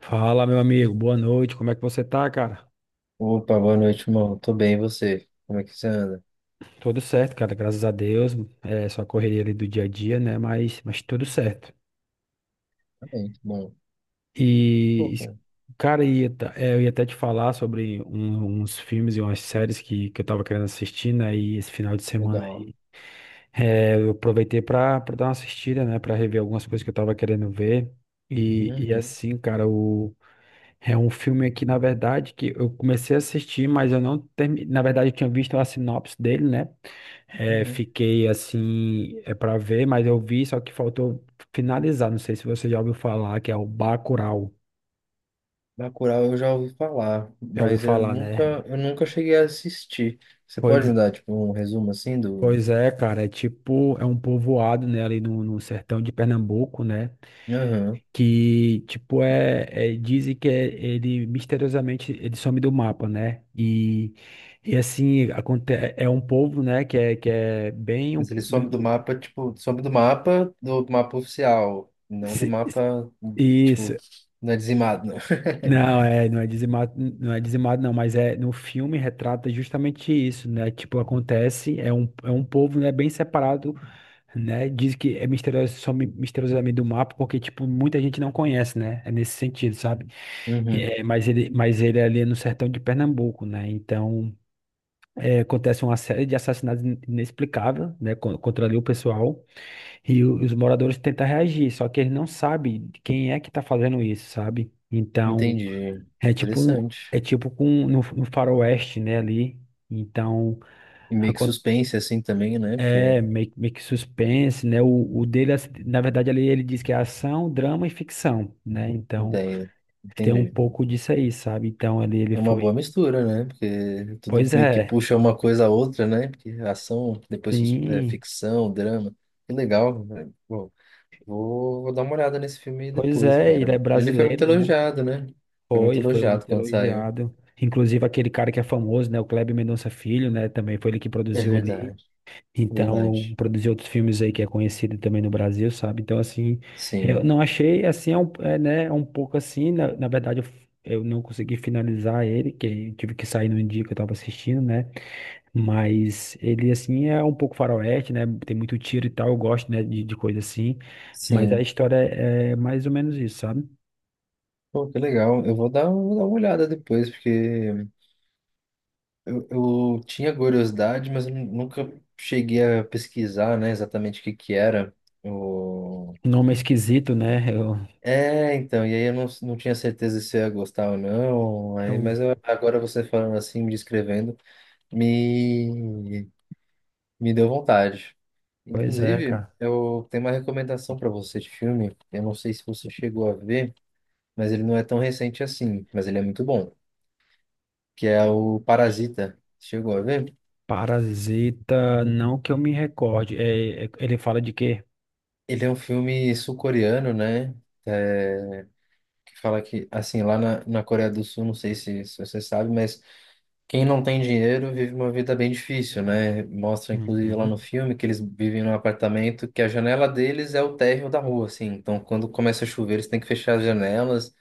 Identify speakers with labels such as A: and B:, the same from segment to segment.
A: Fala, meu amigo, boa noite. Como é que você tá, cara?
B: Opa, boa noite, irmão. Tô bem, e você? Como é que você anda?
A: Tudo certo, cara, graças a Deus. É só a correria ali do dia a dia, né? Mas tudo certo.
B: Tá bem, tá bom.
A: E,
B: Pô,
A: es-
B: pô,
A: cara, eu ia até te falar sobre uns filmes e umas séries que eu tava querendo assistir, né? E esse final de semana
B: legal.
A: aí. É, eu aproveitei pra dar uma assistida, né? Pra rever algumas coisas que eu tava querendo ver. E
B: Uhum,
A: assim, cara, o. É um filme aqui, na verdade, que eu comecei a assistir, mas eu não terminei. Na verdade, eu tinha visto a sinopse dele, né? É,
B: uhum.
A: fiquei assim, é para ver, mas eu vi, só que faltou finalizar. Não sei se você já ouviu falar, que é o Bacurau.
B: Bacurau eu já ouvi falar,
A: Já ouviu
B: mas eu
A: falar,
B: nunca,
A: né?
B: eu nunca cheguei a assistir. Você pode me
A: Pois,
B: dar, tipo, um resumo, assim, do...
A: pois é, cara. É tipo, é um povoado, né? Ali no sertão de Pernambuco, né?
B: Aham.
A: Que tipo ele misteriosamente ele some do mapa, né? E assim aconte é um povo, né? Que é bem
B: Mas
A: um,
B: ele some do mapa, tipo, some do mapa oficial, não do
A: se- se-
B: mapa,
A: isso.
B: tipo, não é dizimado, não.
A: Não, é, não é dizimado, não é dizimado, não, mas é no filme retrata justamente isso, né? Tipo, acontece, é um povo, né, bem separado, né? Diz que é misterioso, só misteriosamente do mapa, porque, tipo, muita gente não conhece, né? É nesse sentido, sabe?
B: Uhum,
A: É, mas ele é ali no sertão de Pernambuco, né? Então, é, acontece uma série de assassinatos inexplicáveis, né? con- Contra ali o pessoal, e os moradores tentam reagir, só que eles não sabem quem é que tá fazendo isso, sabe? Então,
B: entendi. Interessante.
A: é tipo com, no faroeste, né? Ali, então...
B: E meio que suspense, assim, também, né?
A: É,
B: Porque...
A: meio que suspense, né? O dele, assim, na verdade, ali ele diz que é ação, drama e ficção, né? Então,
B: Entendo.
A: tem um
B: Entendi.
A: pouco disso aí, sabe? Então, ali ele
B: É uma boa
A: foi.
B: mistura, né? Porque tudo
A: Pois
B: meio que
A: é,
B: puxa uma coisa a outra, né? Porque ação, depois
A: sim.
B: ficção, drama. Que legal, né? Bom, vou dar uma olhada nesse filme aí
A: Pois
B: depois,
A: é, ele
B: cara.
A: é
B: Ele foi muito
A: brasileiro, né?
B: elogiado, né? Foi muito
A: Foi
B: elogiado
A: muito
B: quando saiu.
A: elogiado. Inclusive, aquele cara que é famoso, né? O Kleber Mendonça Filho, né? Também foi ele que
B: É
A: produziu ali.
B: verdade,
A: Então,
B: verdade.
A: produzir outros filmes aí que é conhecido também no Brasil, sabe? Então, assim, eu
B: Sim,
A: não achei, assim, é um, é, né, é um pouco assim, na verdade, eu não consegui finalizar ele, que eu tive que sair no dia que eu tava assistindo, né? Mas ele, assim, é um pouco faroeste, né? Tem muito tiro e tal, eu gosto, né, de coisa assim, mas a
B: sim.
A: história é, é mais ou menos isso, sabe?
B: Pô, que legal. Eu vou dar uma olhada depois, porque eu tinha curiosidade, mas nunca cheguei a pesquisar, né, exatamente o que que era.
A: Nome é esquisito, né?
B: É, então, e aí eu não tinha certeza se eu ia gostar ou não, aí,
A: Eu,
B: agora você falando assim, me descrevendo, me, me deu vontade.
A: pois é,
B: Inclusive,
A: cara.
B: eu tenho uma recomendação para você de filme, eu não sei se você chegou a ver, mas ele não é tão recente assim, mas ele é muito bom, que é o Parasita. Chegou a ver?
A: Parasita, não que eu me recorde. Ele fala de quê?
B: Ele é um filme sul-coreano, né? É, que fala que, assim, lá na Coreia do Sul, não sei se você sabe, mas quem não tem dinheiro vive uma vida bem difícil, né? Mostra, inclusive, lá
A: Uhum.
B: no filme que eles vivem num apartamento que a janela deles é o térreo da rua, assim. Então, quando começa a chover, eles têm que fechar as janelas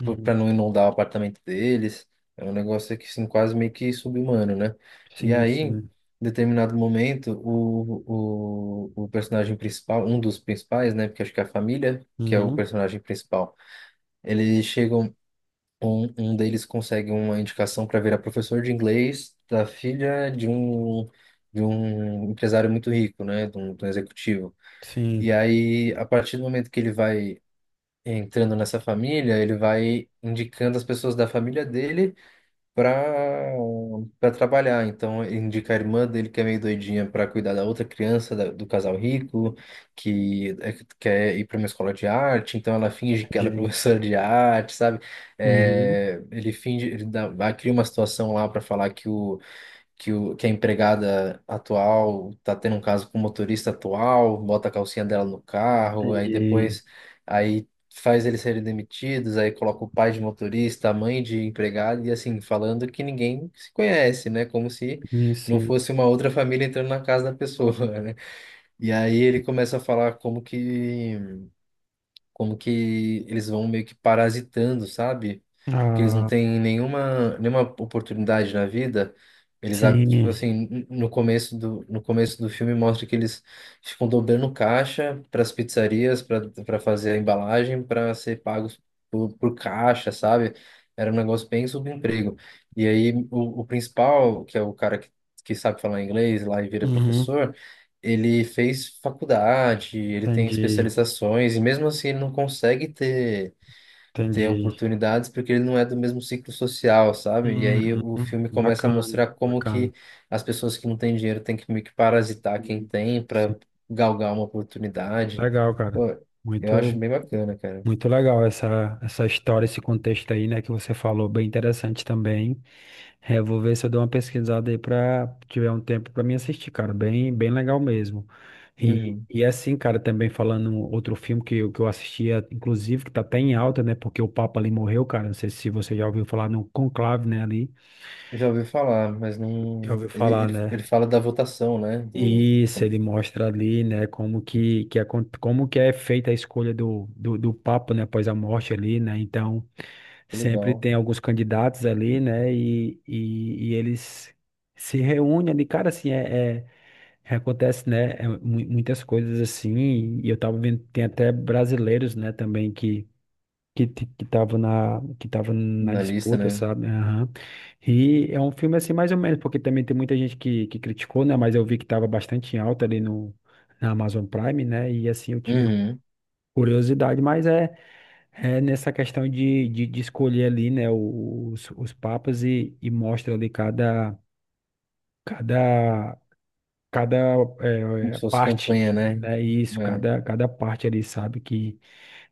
A: Hum,
B: para não inundar o apartamento deles. É um negócio que, assim, quase meio que sub-humano, né? E
A: sim,
B: aí, em
A: sim.
B: determinado momento, o personagem principal, um dos principais, né? Porque acho que é a família que é o
A: Uhum,
B: personagem principal. Eles chegam um deles consegue uma indicação para virar professor de inglês da filha de um empresário muito rico, né? De um executivo. E
A: sim,
B: aí, a partir do momento que ele vai entrando nessa família, ele vai indicando as pessoas da família dele para para trabalhar. Então, ele indica a irmã dele, que é meio doidinha, para cuidar da outra criança do casal rico, que quer ir para uma escola de arte, então ela finge que ela é
A: entendi.
B: professora de arte, sabe?
A: Uhum,
B: É, ele finge, ele dá, cria uma situação lá para falar que a empregada atual tá tendo um caso com o motorista atual, bota a calcinha dela no carro, aí
A: entendi.
B: depois aí faz eles serem demitidos, aí coloca o pai de motorista, a mãe de empregado, e assim, falando que ninguém se conhece, né? Como se não
A: Sim.
B: fosse uma outra família entrando na casa da pessoa, né? E aí ele começa a falar como que eles vão meio que parasitando, sabe? Porque eles não
A: Ah,
B: têm nenhuma oportunidade na vida. Eles, ah, tipo
A: sim.
B: assim, no começo do filme mostra que eles ficam dobrando caixa para as pizzarias, para fazer a embalagem, para ser pagos por caixa, sabe? Era um negócio bem subemprego. E aí o principal, que é o cara que sabe falar inglês lá e vira
A: Uhum,
B: professor, ele fez faculdade, ele tem
A: entendi,
B: especializações, e mesmo assim ele não consegue ter
A: entendi.
B: oportunidades porque ele não é do mesmo ciclo social, sabe? E aí
A: Uhum,
B: o filme começa a
A: bacana,
B: mostrar como
A: bacana.
B: que as pessoas que não têm dinheiro têm que meio que parasitar quem
A: Hum,
B: tem
A: Sim.
B: para galgar uma oportunidade.
A: Legal, cara.
B: Pô, eu acho
A: Muito,
B: bem bacana, cara.
A: muito legal essa, essa história, esse contexto aí, né, que você falou, bem interessante também. É, vou ver se eu dou uma pesquisada aí pra tiver um tempo pra mim assistir, cara. Bem, bem legal mesmo. E,
B: Uhum.
A: e assim, cara, também falando um outro filme que eu assistia, inclusive, que tá até em alta, né? Porque o Papa ali morreu, cara. Não sei se você já ouviu falar no Conclave, né? Ali.
B: Já ouvi falar, mas
A: Já
B: não.
A: ouviu
B: Ele,
A: falar,
B: ele, ele
A: né?
B: fala da votação, né? Do...
A: Isso,
B: Que
A: ele mostra ali, né, como que é feita a escolha do Papa, né, após a morte ali, né, então,
B: é
A: sempre
B: legal.
A: tem alguns candidatos ali, né? E eles se reúnem ali, cara, assim, acontece, né? Muitas coisas assim, e eu tava vendo, tem até brasileiros, né, também que tava na
B: Na lista,
A: disputa,
B: né?
A: sabe? Aham. E é um filme assim mais ou menos, porque também tem muita gente que criticou, né, mas eu vi que tava bastante em alta ali no na Amazon Prime, né? E assim eu tive
B: Uhum.
A: curiosidade, mas é é nessa questão de escolher ali, né, os papas e mostra ali cada, cada
B: Como se fosse
A: parte,
B: campanha, né?
A: né, isso,
B: É.
A: cada parte ali, sabe, que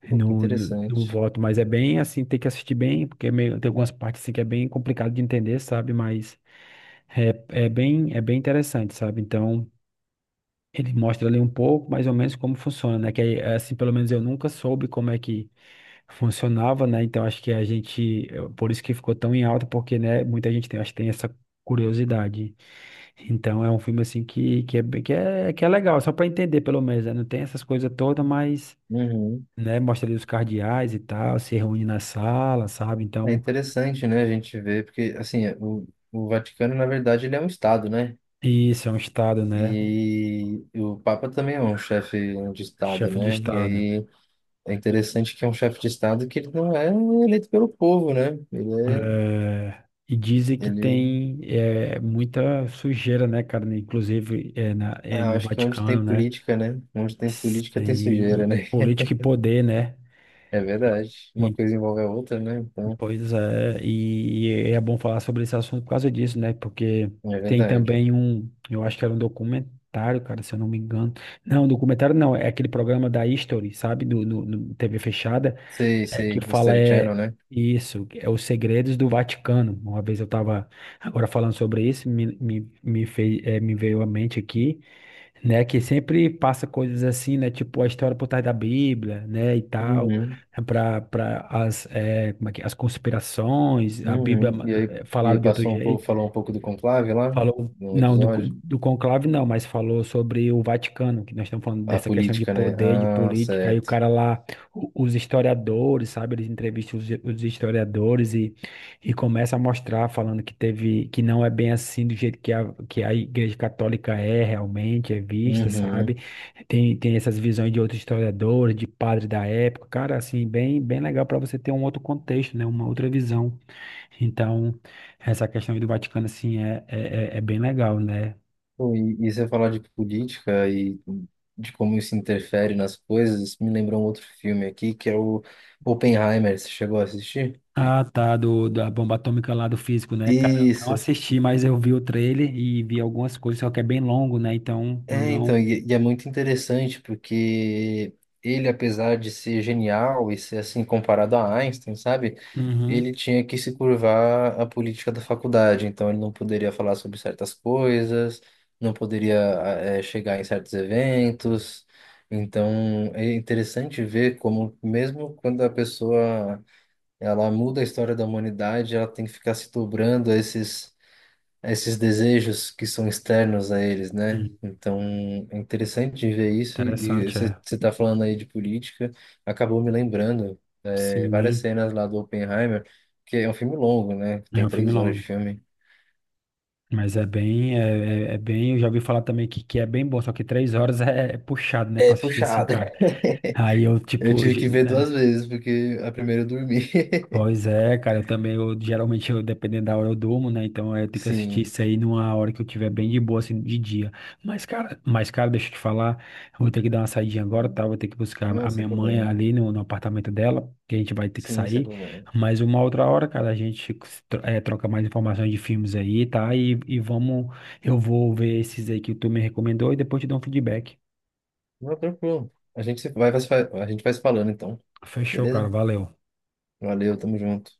B: Pô, que
A: no
B: interessante.
A: voto, mas é bem assim, tem que assistir bem, porque é meio- tem algumas partes assim que é bem complicado de entender, sabe, mas é, é bem interessante, sabe, então... Ele mostra ali um pouco, mais ou menos, como funciona, né? Que aí, assim, pelo menos eu nunca soube como é que funcionava, né? Então acho que a gente, por isso que ficou tão em alta, porque, né, muita gente tem, acho que tem essa curiosidade. Então é um filme assim que é, bem- que é legal, só para entender pelo menos, né? Não tem essas coisas todas, mas,
B: Uhum.
A: né, mostra ali os cardeais e tal, se reúne na sala, sabe?
B: É
A: Então,
B: interessante, né, a gente ver, porque, assim, o Vaticano, na verdade, ele é um Estado, né?
A: isso é um estado, né?
B: E o Papa também é um chefe de Estado,
A: Chefe de
B: né? E
A: estado.
B: aí é interessante que é um chefe de Estado que ele não é eleito pelo povo, né? Ele
A: É, e dizem
B: é,
A: que
B: ele...
A: tem é, muita sujeira, né, cara? Né, inclusive é, é
B: Ah, eu
A: no
B: acho que onde tem
A: Vaticano, né?
B: política, né? Onde tem política tem sujeira,
A: Sem
B: né?
A: política e poder, né?
B: É verdade. Uma
A: E-
B: coisa envolve a outra, né? Então,
A: pois é, e é bom falar sobre esse assunto por causa disso, né? Porque
B: é
A: tem
B: verdade.
A: também um, eu acho que era um documentário, cara, se eu não me engano. Não, documentário não, é aquele programa da History, sabe? Do, no TV fechada
B: Sei,
A: é que
B: sei,
A: fala
B: History Channel,
A: é
B: né?
A: isso, é os segredos do Vaticano. Uma vez eu estava agora falando sobre isso, fez, me veio à mente aqui, né? Que sempre passa coisas assim, né? Tipo a história por trás da Bíblia, né? E tal,
B: Uhum.
A: para as, como é que, é, as conspirações, a Bíblia,
B: Uhum. E aí, e
A: falada
B: aí
A: de outro
B: passou um pouco,
A: jeito.
B: falou um pouco do conclave lá
A: Falou,
B: no
A: não,
B: episódio.
A: do conclave não, mas falou sobre o Vaticano, que nós estamos falando
B: A
A: dessa questão de
B: política, né?
A: poder, de
B: Ah,
A: política, aí o
B: certo.
A: cara lá, os historiadores, sabe, eles entrevistam os historiadores e começa a mostrar, falando que teve, que não é bem assim do jeito que que a Igreja Católica é realmente, é vista, sabe,
B: Uhum.
A: tem, tem essas visões de outros historiadores, de padre da época, cara, assim, bem, bem legal para você ter um outro contexto, né, uma outra visão. Então, essa questão aí do Vaticano, assim, é bem legal, né?
B: Pô, e você falar de política e de como isso interfere nas coisas, isso me lembrou um outro filme aqui, que é o Oppenheimer. Você chegou a assistir?
A: Ah, tá, da bomba atômica lá do físico, né? Cara, eu não
B: Isso.
A: assisti, mas eu vi o trailer e vi algumas coisas, só que é bem longo, né? Então, eu
B: É, então,
A: não...
B: e é muito interessante porque ele, apesar de ser genial e ser assim comparado a Einstein, sabe?
A: Uhum.
B: Ele tinha que se curvar à política da faculdade, então ele não poderia falar sobre certas coisas, não poderia chegar em certos eventos. Então é interessante ver como mesmo quando a pessoa ela muda a história da humanidade, ela tem que ficar se dobrando a esses desejos que são externos a eles, né?
A: Sim,
B: Então, é interessante de ver isso. E
A: interessante,
B: você
A: é.
B: você tá falando aí de política, acabou me lembrando várias
A: Sim,
B: cenas lá do Oppenheimer, que é um filme longo, né?
A: é
B: Tem
A: um filme
B: 3 horas de
A: longo.
B: filme.
A: Mas é bem, é bem, eu já ouvi falar também que é bem bom, só que 3 horas é, é puxado, né, pra
B: É
A: assistir assim,
B: puxado.
A: cara. Aí eu,
B: Eu
A: tipo,
B: tive que ver duas vezes, porque a primeira eu dormi.
A: Pois é, cara, eu também, eu, geralmente, eu, dependendo da hora eu durmo, né, então é, eu tenho que assistir
B: Sim,
A: isso aí numa hora que eu tiver bem de boa, assim, de dia. Mas, cara, deixa eu te falar, eu vou ter que dar uma saidinha agora, tá, vou ter que buscar
B: não,
A: a
B: sem
A: minha mãe
B: problema.
A: ali no apartamento dela, que a gente vai ter que
B: Sim, sem
A: sair,
B: problema.
A: mas uma outra hora, cara, a gente troca mais informações de filmes aí, tá, e vamos, eu vou ver esses aí que tu me recomendou e depois te dou um feedback.
B: Não, tranquilo. A gente se- vai, vai se fa- a gente vai se falando, então.
A: Fechou, cara,
B: Beleza?
A: valeu.
B: Valeu, tamo junto.